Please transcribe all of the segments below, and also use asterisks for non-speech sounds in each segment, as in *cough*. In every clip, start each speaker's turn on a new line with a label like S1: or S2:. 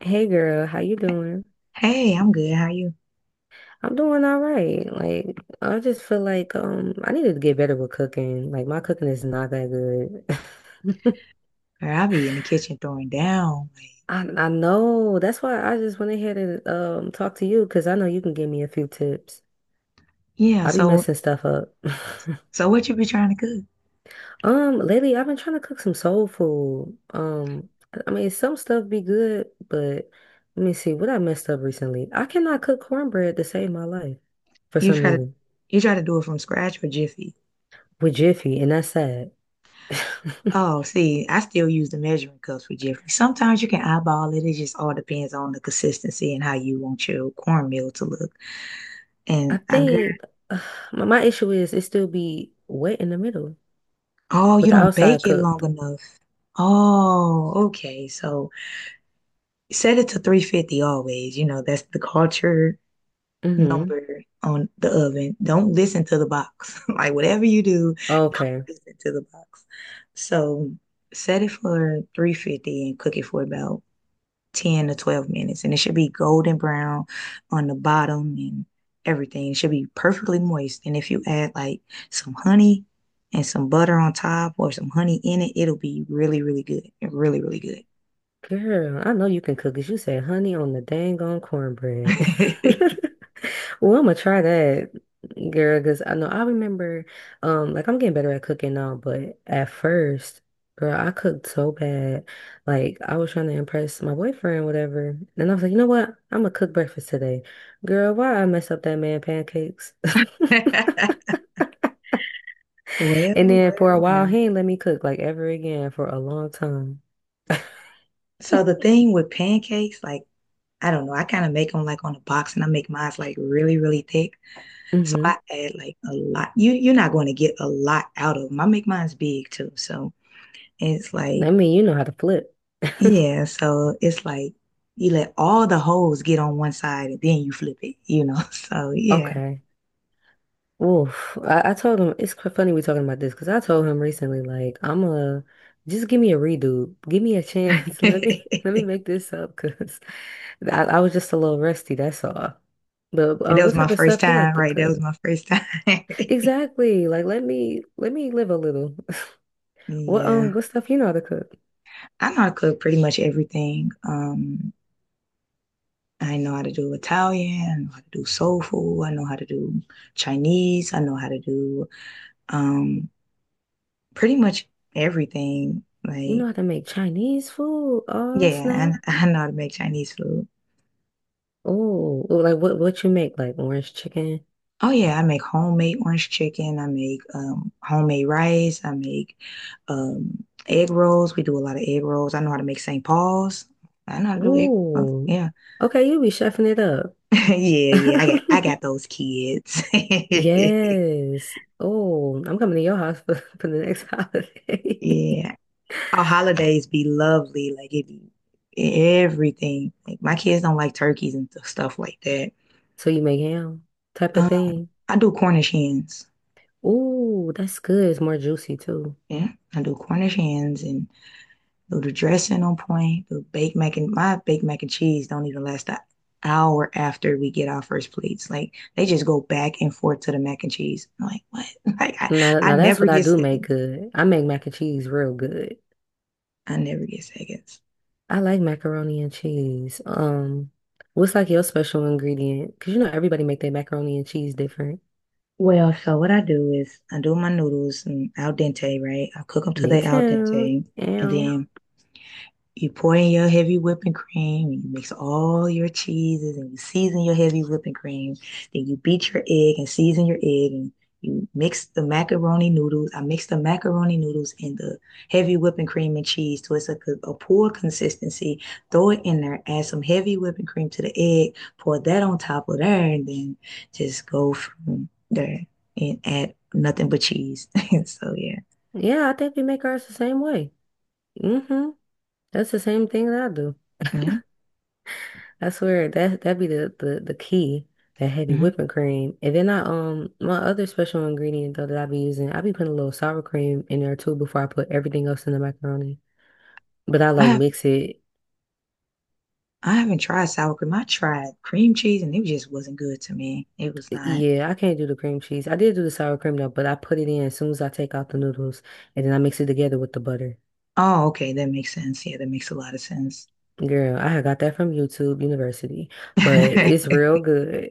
S1: Hey girl, how you doing?
S2: Hey, I'm good. How you?
S1: I'm doing all right. Like I just feel like I needed to get better with cooking. Like my cooking is not that good. *laughs*
S2: Girl, I be in the kitchen throwing down. Like,
S1: I know. That's why I just went ahead and talk to you because I know you can give me a few tips.
S2: yeah,
S1: I be
S2: so
S1: messing stuff up. *laughs*
S2: so what you be trying to cook?
S1: Lately I've been trying to cook some soul food. I mean some stuff be good, but let me see what I messed up recently. I cannot cook cornbread to save my life for
S2: You
S1: some
S2: try to
S1: reason
S2: you try to do it from scratch or Jiffy?
S1: with Jiffy, and that's sad. *laughs*
S2: Oh, see, I still use the measuring cups for Jiffy. Sometimes you can eyeball it. It just all depends on the consistency and how you want your cornmeal to look.
S1: I
S2: And I got,
S1: think *sighs* uh, my issue is it still be wet in the middle,
S2: oh, you
S1: but the
S2: don't
S1: outside
S2: bake it
S1: cooked.
S2: long enough. Oh, okay. So set it to 350 always. You know, that's the culture
S1: Mm-hmm.
S2: number on the oven. Don't listen to the box. *laughs* Like whatever you do, don't
S1: Okay.
S2: listen to the box. So set it for 350 and cook it for about 10 to 12 minutes. And it should be golden brown on the bottom and everything. It should be perfectly moist. And if you add like some honey and some butter on top or some honey in it, it'll be really, really good. Really, really
S1: Girl, I know you can cook cook 'cause you said honey on the dang on cornbread. *laughs*
S2: good. *laughs*
S1: Well, I'm gonna try that, girl, because I know I remember, like I'm getting better at cooking now, but at first, girl, I cooked so bad. Like I was trying to impress my boyfriend, whatever. And I was like, you know what? I'm gonna cook breakfast today. Girl, why I mess up that man pancakes? *laughs*
S2: Well,
S1: And then for
S2: well,
S1: a while,
S2: well.
S1: he ain't let me cook like ever again for a long time.
S2: So the thing with pancakes, like I don't know. I kind of make them like on a box and I make mine like really, really thick. So
S1: Mm-hmm.
S2: I add like a lot. You're not going to get a lot out of them. I make mine's big too. So it's
S1: I
S2: like,
S1: mean, you know how to flip. *laughs*
S2: yeah, so it's like you let all the holes get on one side and then you flip it, you know. *laughs* So yeah.
S1: Okay. Oof. I told him it's funny we talking about this because I told him recently, like, I'm a just give me a redo, give me a chance. *laughs* Let me
S2: *laughs*
S1: make this up because *laughs* I was just a little rusty. That's all. But
S2: That was
S1: what
S2: my
S1: type of
S2: first
S1: stuff you like
S2: time,
S1: to
S2: right? That was
S1: cook?
S2: my first time. *laughs*
S1: Exactly. Like, let me live a little. *laughs*
S2: Yeah.
S1: What stuff you know how to cook?
S2: I know how to cook pretty much everything. I know how to do Italian, I know how to do soul food, I know how to do Chinese, I know how to do um pretty much everything.
S1: You know
S2: Like,
S1: how to make Chinese food? Oh
S2: yeah, and
S1: snap!
S2: *laughs* I know how to make Chinese food.
S1: Oh, like what you make? Like orange chicken?
S2: Oh yeah, I make homemade orange chicken, I make homemade rice, I make egg rolls. We do a lot of egg rolls. I know how to make St. Paul's. I know how to do egg rolls.
S1: Ooh.
S2: Yeah. *laughs*
S1: Okay, you be chefing it up.
S2: Yeah, yeah. I got
S1: *laughs*
S2: those kids. *laughs*
S1: Yes. Oh, I'm coming to your house for, *laughs* for the next holiday.
S2: Yeah.
S1: *laughs*
S2: Our holidays be lovely, like it be everything. Like my kids don't like turkeys and stuff like that.
S1: So you make ham type of
S2: Uh,
S1: thing.
S2: I do Cornish hens.
S1: Ooh, that's good. It's more juicy too.
S2: Yeah, I do Cornish hens and do the dressing on point. Do baked mac and my baked mac and cheese don't even last an hour after we get our first plates. Like they just go back and forth to the mac and cheese. I'm like what? *laughs* Like I,
S1: Now,
S2: I
S1: now that's
S2: never
S1: what I
S2: get
S1: do make
S2: seconds.
S1: good. I make mac and cheese real good.
S2: I never get seconds.
S1: I like macaroni and cheese. What's like your special ingredient? Because you know everybody make their macaroni and cheese different.
S2: Well, so what I do is I do my noodles and al dente, right? I cook them till
S1: Me
S2: they al
S1: too.
S2: dente, and
S1: Yeah.
S2: then you pour in your heavy whipping cream, and you mix all your cheeses, and you season your heavy whipping cream. Then you beat your egg and season your egg, and you mix the macaroni noodles. I mix the macaroni noodles and the heavy whipping cream and cheese to it's a poor consistency. Throw it in there, add some heavy whipping cream to the egg, pour that on top of there, and then just go from there and add nothing but cheese. *laughs* So yeah.
S1: Yeah, I think we make ours the same way. Mm-hmm. That's the same thing that I do.
S2: Mhm.
S1: I swear that that'd be the key, that heavy
S2: Mhm.
S1: whipping cream. And then I my other special ingredient though that I be using, I be putting a little sour cream in there too before I put everything else in the macaroni. But I
S2: I
S1: like
S2: have
S1: mix it.
S2: I haven't tried sour cream. I tried cream cheese and it just wasn't good to me. It was not.
S1: Yeah, I can't do the cream cheese. I did do the sour cream though, but I put it in as soon as I take out the noodles and then I mix it together with the butter.
S2: Oh, okay. That makes sense. Yeah, that makes a lot of sense.
S1: Girl, I had got that from YouTube University, but
S2: *laughs*
S1: it's real good.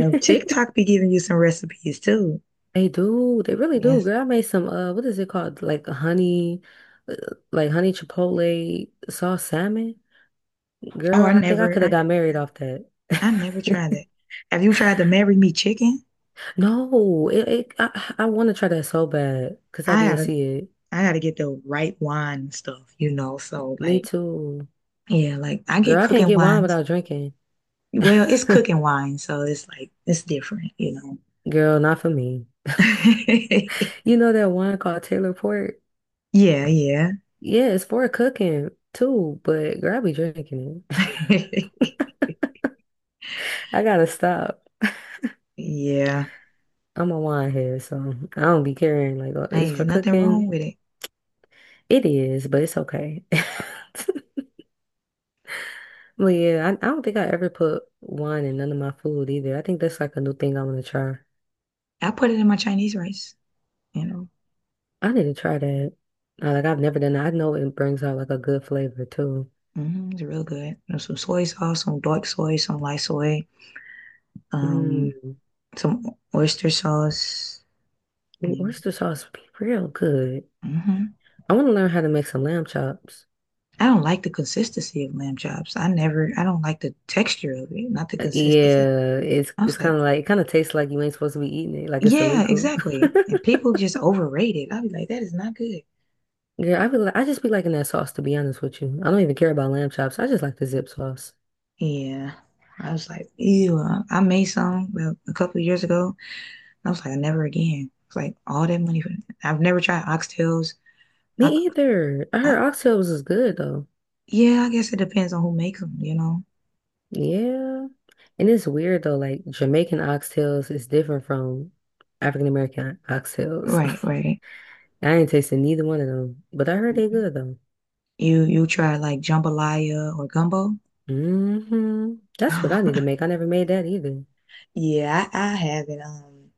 S2: So TikTok be giving you some recipes too.
S1: They do. They really do.
S2: Yes.
S1: Girl, I made some what is it called? Like a honey uh, like honey chipotle sauce salmon.
S2: Oh,
S1: Girl,
S2: I
S1: I think I
S2: never,
S1: could
S2: I
S1: have
S2: never
S1: got married
S2: tried.
S1: off that.
S2: I never tried that.
S1: *laughs*
S2: Have you tried the Marry Me chicken?
S1: No, it, I want to try that so bad because I
S2: I
S1: did
S2: gotta,
S1: see it.
S2: I gotta get the right wine and stuff, you know. So
S1: Me
S2: like,
S1: too.
S2: yeah, like I get
S1: Girl, I can't
S2: cooking
S1: get wine
S2: wines.
S1: without drinking.
S2: Well, it's cooking
S1: *laughs*
S2: wine, so it's like it's different, you know.
S1: Girl, not for me.
S2: *laughs*
S1: You know that wine called Taylor Port?
S2: Yeah, yeah.
S1: Yeah, it's for cooking too, but girl, I be drinking
S2: *laughs*
S1: it. *laughs* I gotta stop.
S2: Yeah,
S1: I'm a wine head, so I don't be caring. Like, it's
S2: hey, there's
S1: for
S2: nothing wrong
S1: cooking.
S2: with it.
S1: It is, but it's okay. *laughs* But yeah, I don't think I ever put wine in none of my food either. I think that's like a new thing I want to try.
S2: I put it in my Chinese rice, you know.
S1: I need to try that. Like, I've never done that. I know it brings out like a good flavor too.
S2: It's real good. There's some soy sauce, some dark soy, some light soy, um,
S1: Mm.
S2: some oyster sauce.
S1: Worcester sauce would be real good.
S2: Mm-hmm.
S1: I want to learn how to make some lamb chops.
S2: I don't like the consistency of lamb chops. I don't like the texture of it, not the consistency.
S1: Yeah, it's
S2: I was
S1: kind
S2: like,
S1: of like it kind of tastes like you ain't supposed to be eating it, like it's
S2: yeah,
S1: illegal.
S2: exactly. And
S1: *laughs*
S2: people just overrate it. I'll be like, that is not good.
S1: Yeah, I be like I just be liking that sauce to be honest with you. I don't even care about lamb chops. I just like the zip sauce.
S2: Yeah. I was like, ew. I made some well, a couple of years ago. I was like, never again. It's like all that money for I've never tried oxtails.
S1: Me
S2: I could,
S1: either. I
S2: I,
S1: heard oxtails is good though.
S2: yeah, I guess it depends on who makes them, you know?
S1: Yeah. And it's weird though, like Jamaican oxtails is different from African American oxtails.
S2: Right,
S1: *laughs*
S2: right.
S1: I ain't tasted neither one of them, but I heard they
S2: Mhm.
S1: good though.
S2: You try like jambalaya or gumbo?
S1: Hmm That's what I need to make. I
S2: *laughs*
S1: never made that either.
S2: Yeah, I haven't.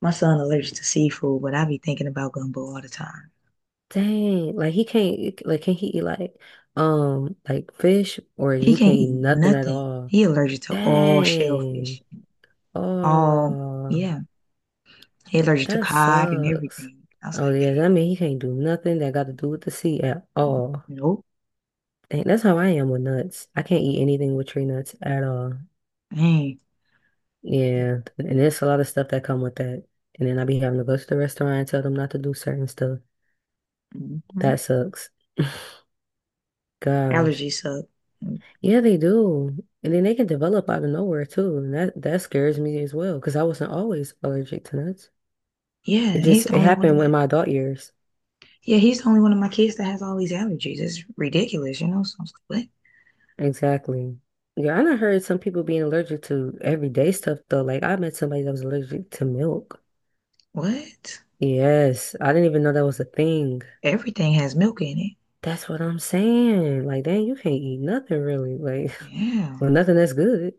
S2: My son allergic to seafood, but I be thinking about gumbo all the time.
S1: Dang, like he can't like can he eat like fish or
S2: He
S1: he
S2: can't
S1: can't eat
S2: eat
S1: nothing at
S2: nothing.
S1: all.
S2: He allergic to all
S1: Dang.
S2: shellfish. All,
S1: Oh,
S2: yeah. He allergic to
S1: that
S2: cod and
S1: sucks.
S2: everything. I was
S1: Oh
S2: like, dang,
S1: yeah, that mean he can't do nothing that got to do with the sea at all.
S2: nope,
S1: And that's how I am with nuts. I can't eat anything with tree nuts at all.
S2: dang.
S1: Yeah, and there's a lot of stuff that come with that. And then I be having to go to the restaurant and tell them not to do certain stuff. That
S2: Mm-hmm.
S1: sucks. *laughs* Gosh.
S2: Allergies suck.
S1: Yeah, they do. And then they can develop out of nowhere too. And that scares me as well because I wasn't always allergic to nuts.
S2: Yeah,
S1: It
S2: he's
S1: just
S2: the
S1: it
S2: only one of
S1: happened
S2: my
S1: in my adult years.
S2: yeah, he's the only one of my kids that has all these allergies. It's ridiculous, you know. So I was like,
S1: Exactly. Yeah, I done heard some people being allergic to everyday stuff though. Like I met somebody that was allergic to milk.
S2: what? What?
S1: Yes, I didn't even know that was a thing.
S2: Everything has milk in it.
S1: That's what I'm saying. Like, dang, you can't eat nothing really. Like, *laughs* well,
S2: Yeah,
S1: nothing that's good.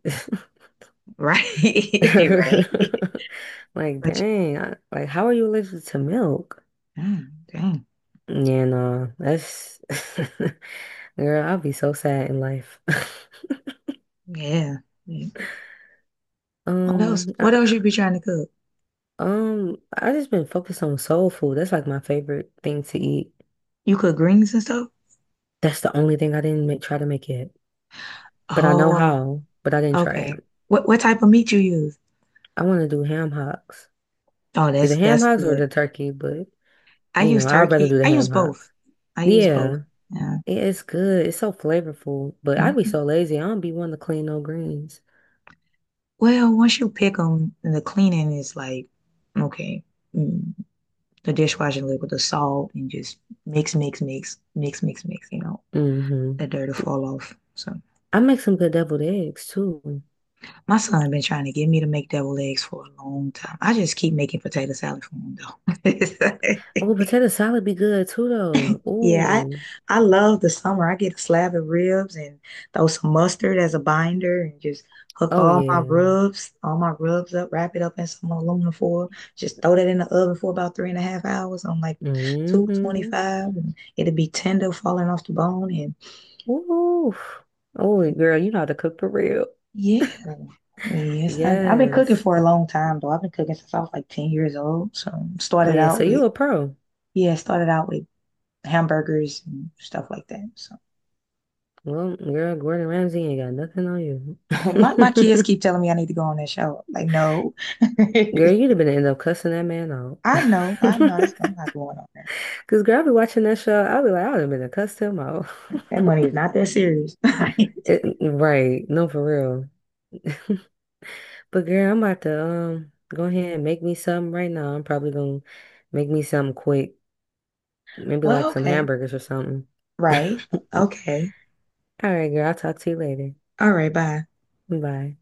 S2: *laughs* right, *laughs* right.
S1: *laughs* Like,
S2: But
S1: dang, like, how are you allergic to milk?
S2: dang,
S1: Yeah, no, that's *laughs* girl. I'll be so sad in life. *laughs*
S2: yeah. Yeah. What else?
S1: Um, I,
S2: What else you be trying to cook?
S1: I just been focused on soul food. That's like my favorite thing to eat.
S2: You cook greens and stuff?
S1: That's the only thing I didn't make, try to make yet. But I know
S2: Oh,
S1: how, but I didn't try
S2: okay.
S1: it.
S2: What type of meat you use?
S1: I want to do ham hocks.
S2: Oh,
S1: Either
S2: that's
S1: ham
S2: that's
S1: hocks or
S2: good.
S1: the turkey, but
S2: I
S1: you
S2: use
S1: know, I'd rather
S2: turkey.
S1: do the
S2: I use
S1: ham
S2: both.
S1: hocks.
S2: I use both.
S1: Yeah,
S2: Yeah.
S1: it's good. It's so flavorful, but I'd be
S2: Mhm.
S1: so lazy. I don't be wanting to clean no greens.
S2: Well, once you pick them, the cleaning is like, okay, mm, the dishwashing liquid, the salt, and just mix, mix, mix, mix, mix, mix, you know,
S1: Hmm
S2: the dirt will fall off. So
S1: I make some good deviled eggs too.
S2: my son been trying to get me to make deviled eggs for a long time. I just keep making potato salad for him though.
S1: Oh,
S2: *laughs*
S1: potato salad be good too though.
S2: Yeah,
S1: Ooh.
S2: I love the summer. I get a slab of ribs and throw some mustard as a binder and just hook
S1: Oh yeah.
S2: all my rubs up, wrap it up in some aluminum foil, just throw that in the oven for about 3.5 hours on like
S1: hmm
S2: 225 and it'll be tender falling off the bone and
S1: Ooh. Oh, girl, you know how to cook for real.
S2: yeah. Yes, I've been cooking
S1: Yes.
S2: for a long time though. I've been cooking since I was like 10 years old. So
S1: Oh,
S2: started
S1: yeah.
S2: out
S1: So
S2: with Nice.
S1: you a pro.
S2: Yeah, started out with hamburgers and stuff like that. So
S1: Well, girl, Gordon Ramsay ain't got nothing on
S2: *laughs* My kids
S1: you.
S2: keep
S1: *laughs*
S2: telling me I need to go on that show. Like, no. *laughs*
S1: Girl, you'd have been end up cussing that man out.
S2: I know, I know. That's I'm
S1: *laughs*
S2: not going on there.
S1: Because, girl, I be watching that show. I'll be like, I would have been to cuss him out. *laughs*
S2: That money is not that serious.
S1: It,
S2: *laughs*
S1: right. No, for real. *laughs* But, girl, I'm about to go ahead and make me something right now. I'm probably going to make me something quick. Maybe
S2: Well,
S1: like some
S2: okay.
S1: hamburgers or something.
S2: Right.
S1: *laughs* All
S2: Okay.
S1: right, girl. I'll talk to you later.
S2: All right, bye.
S1: Bye.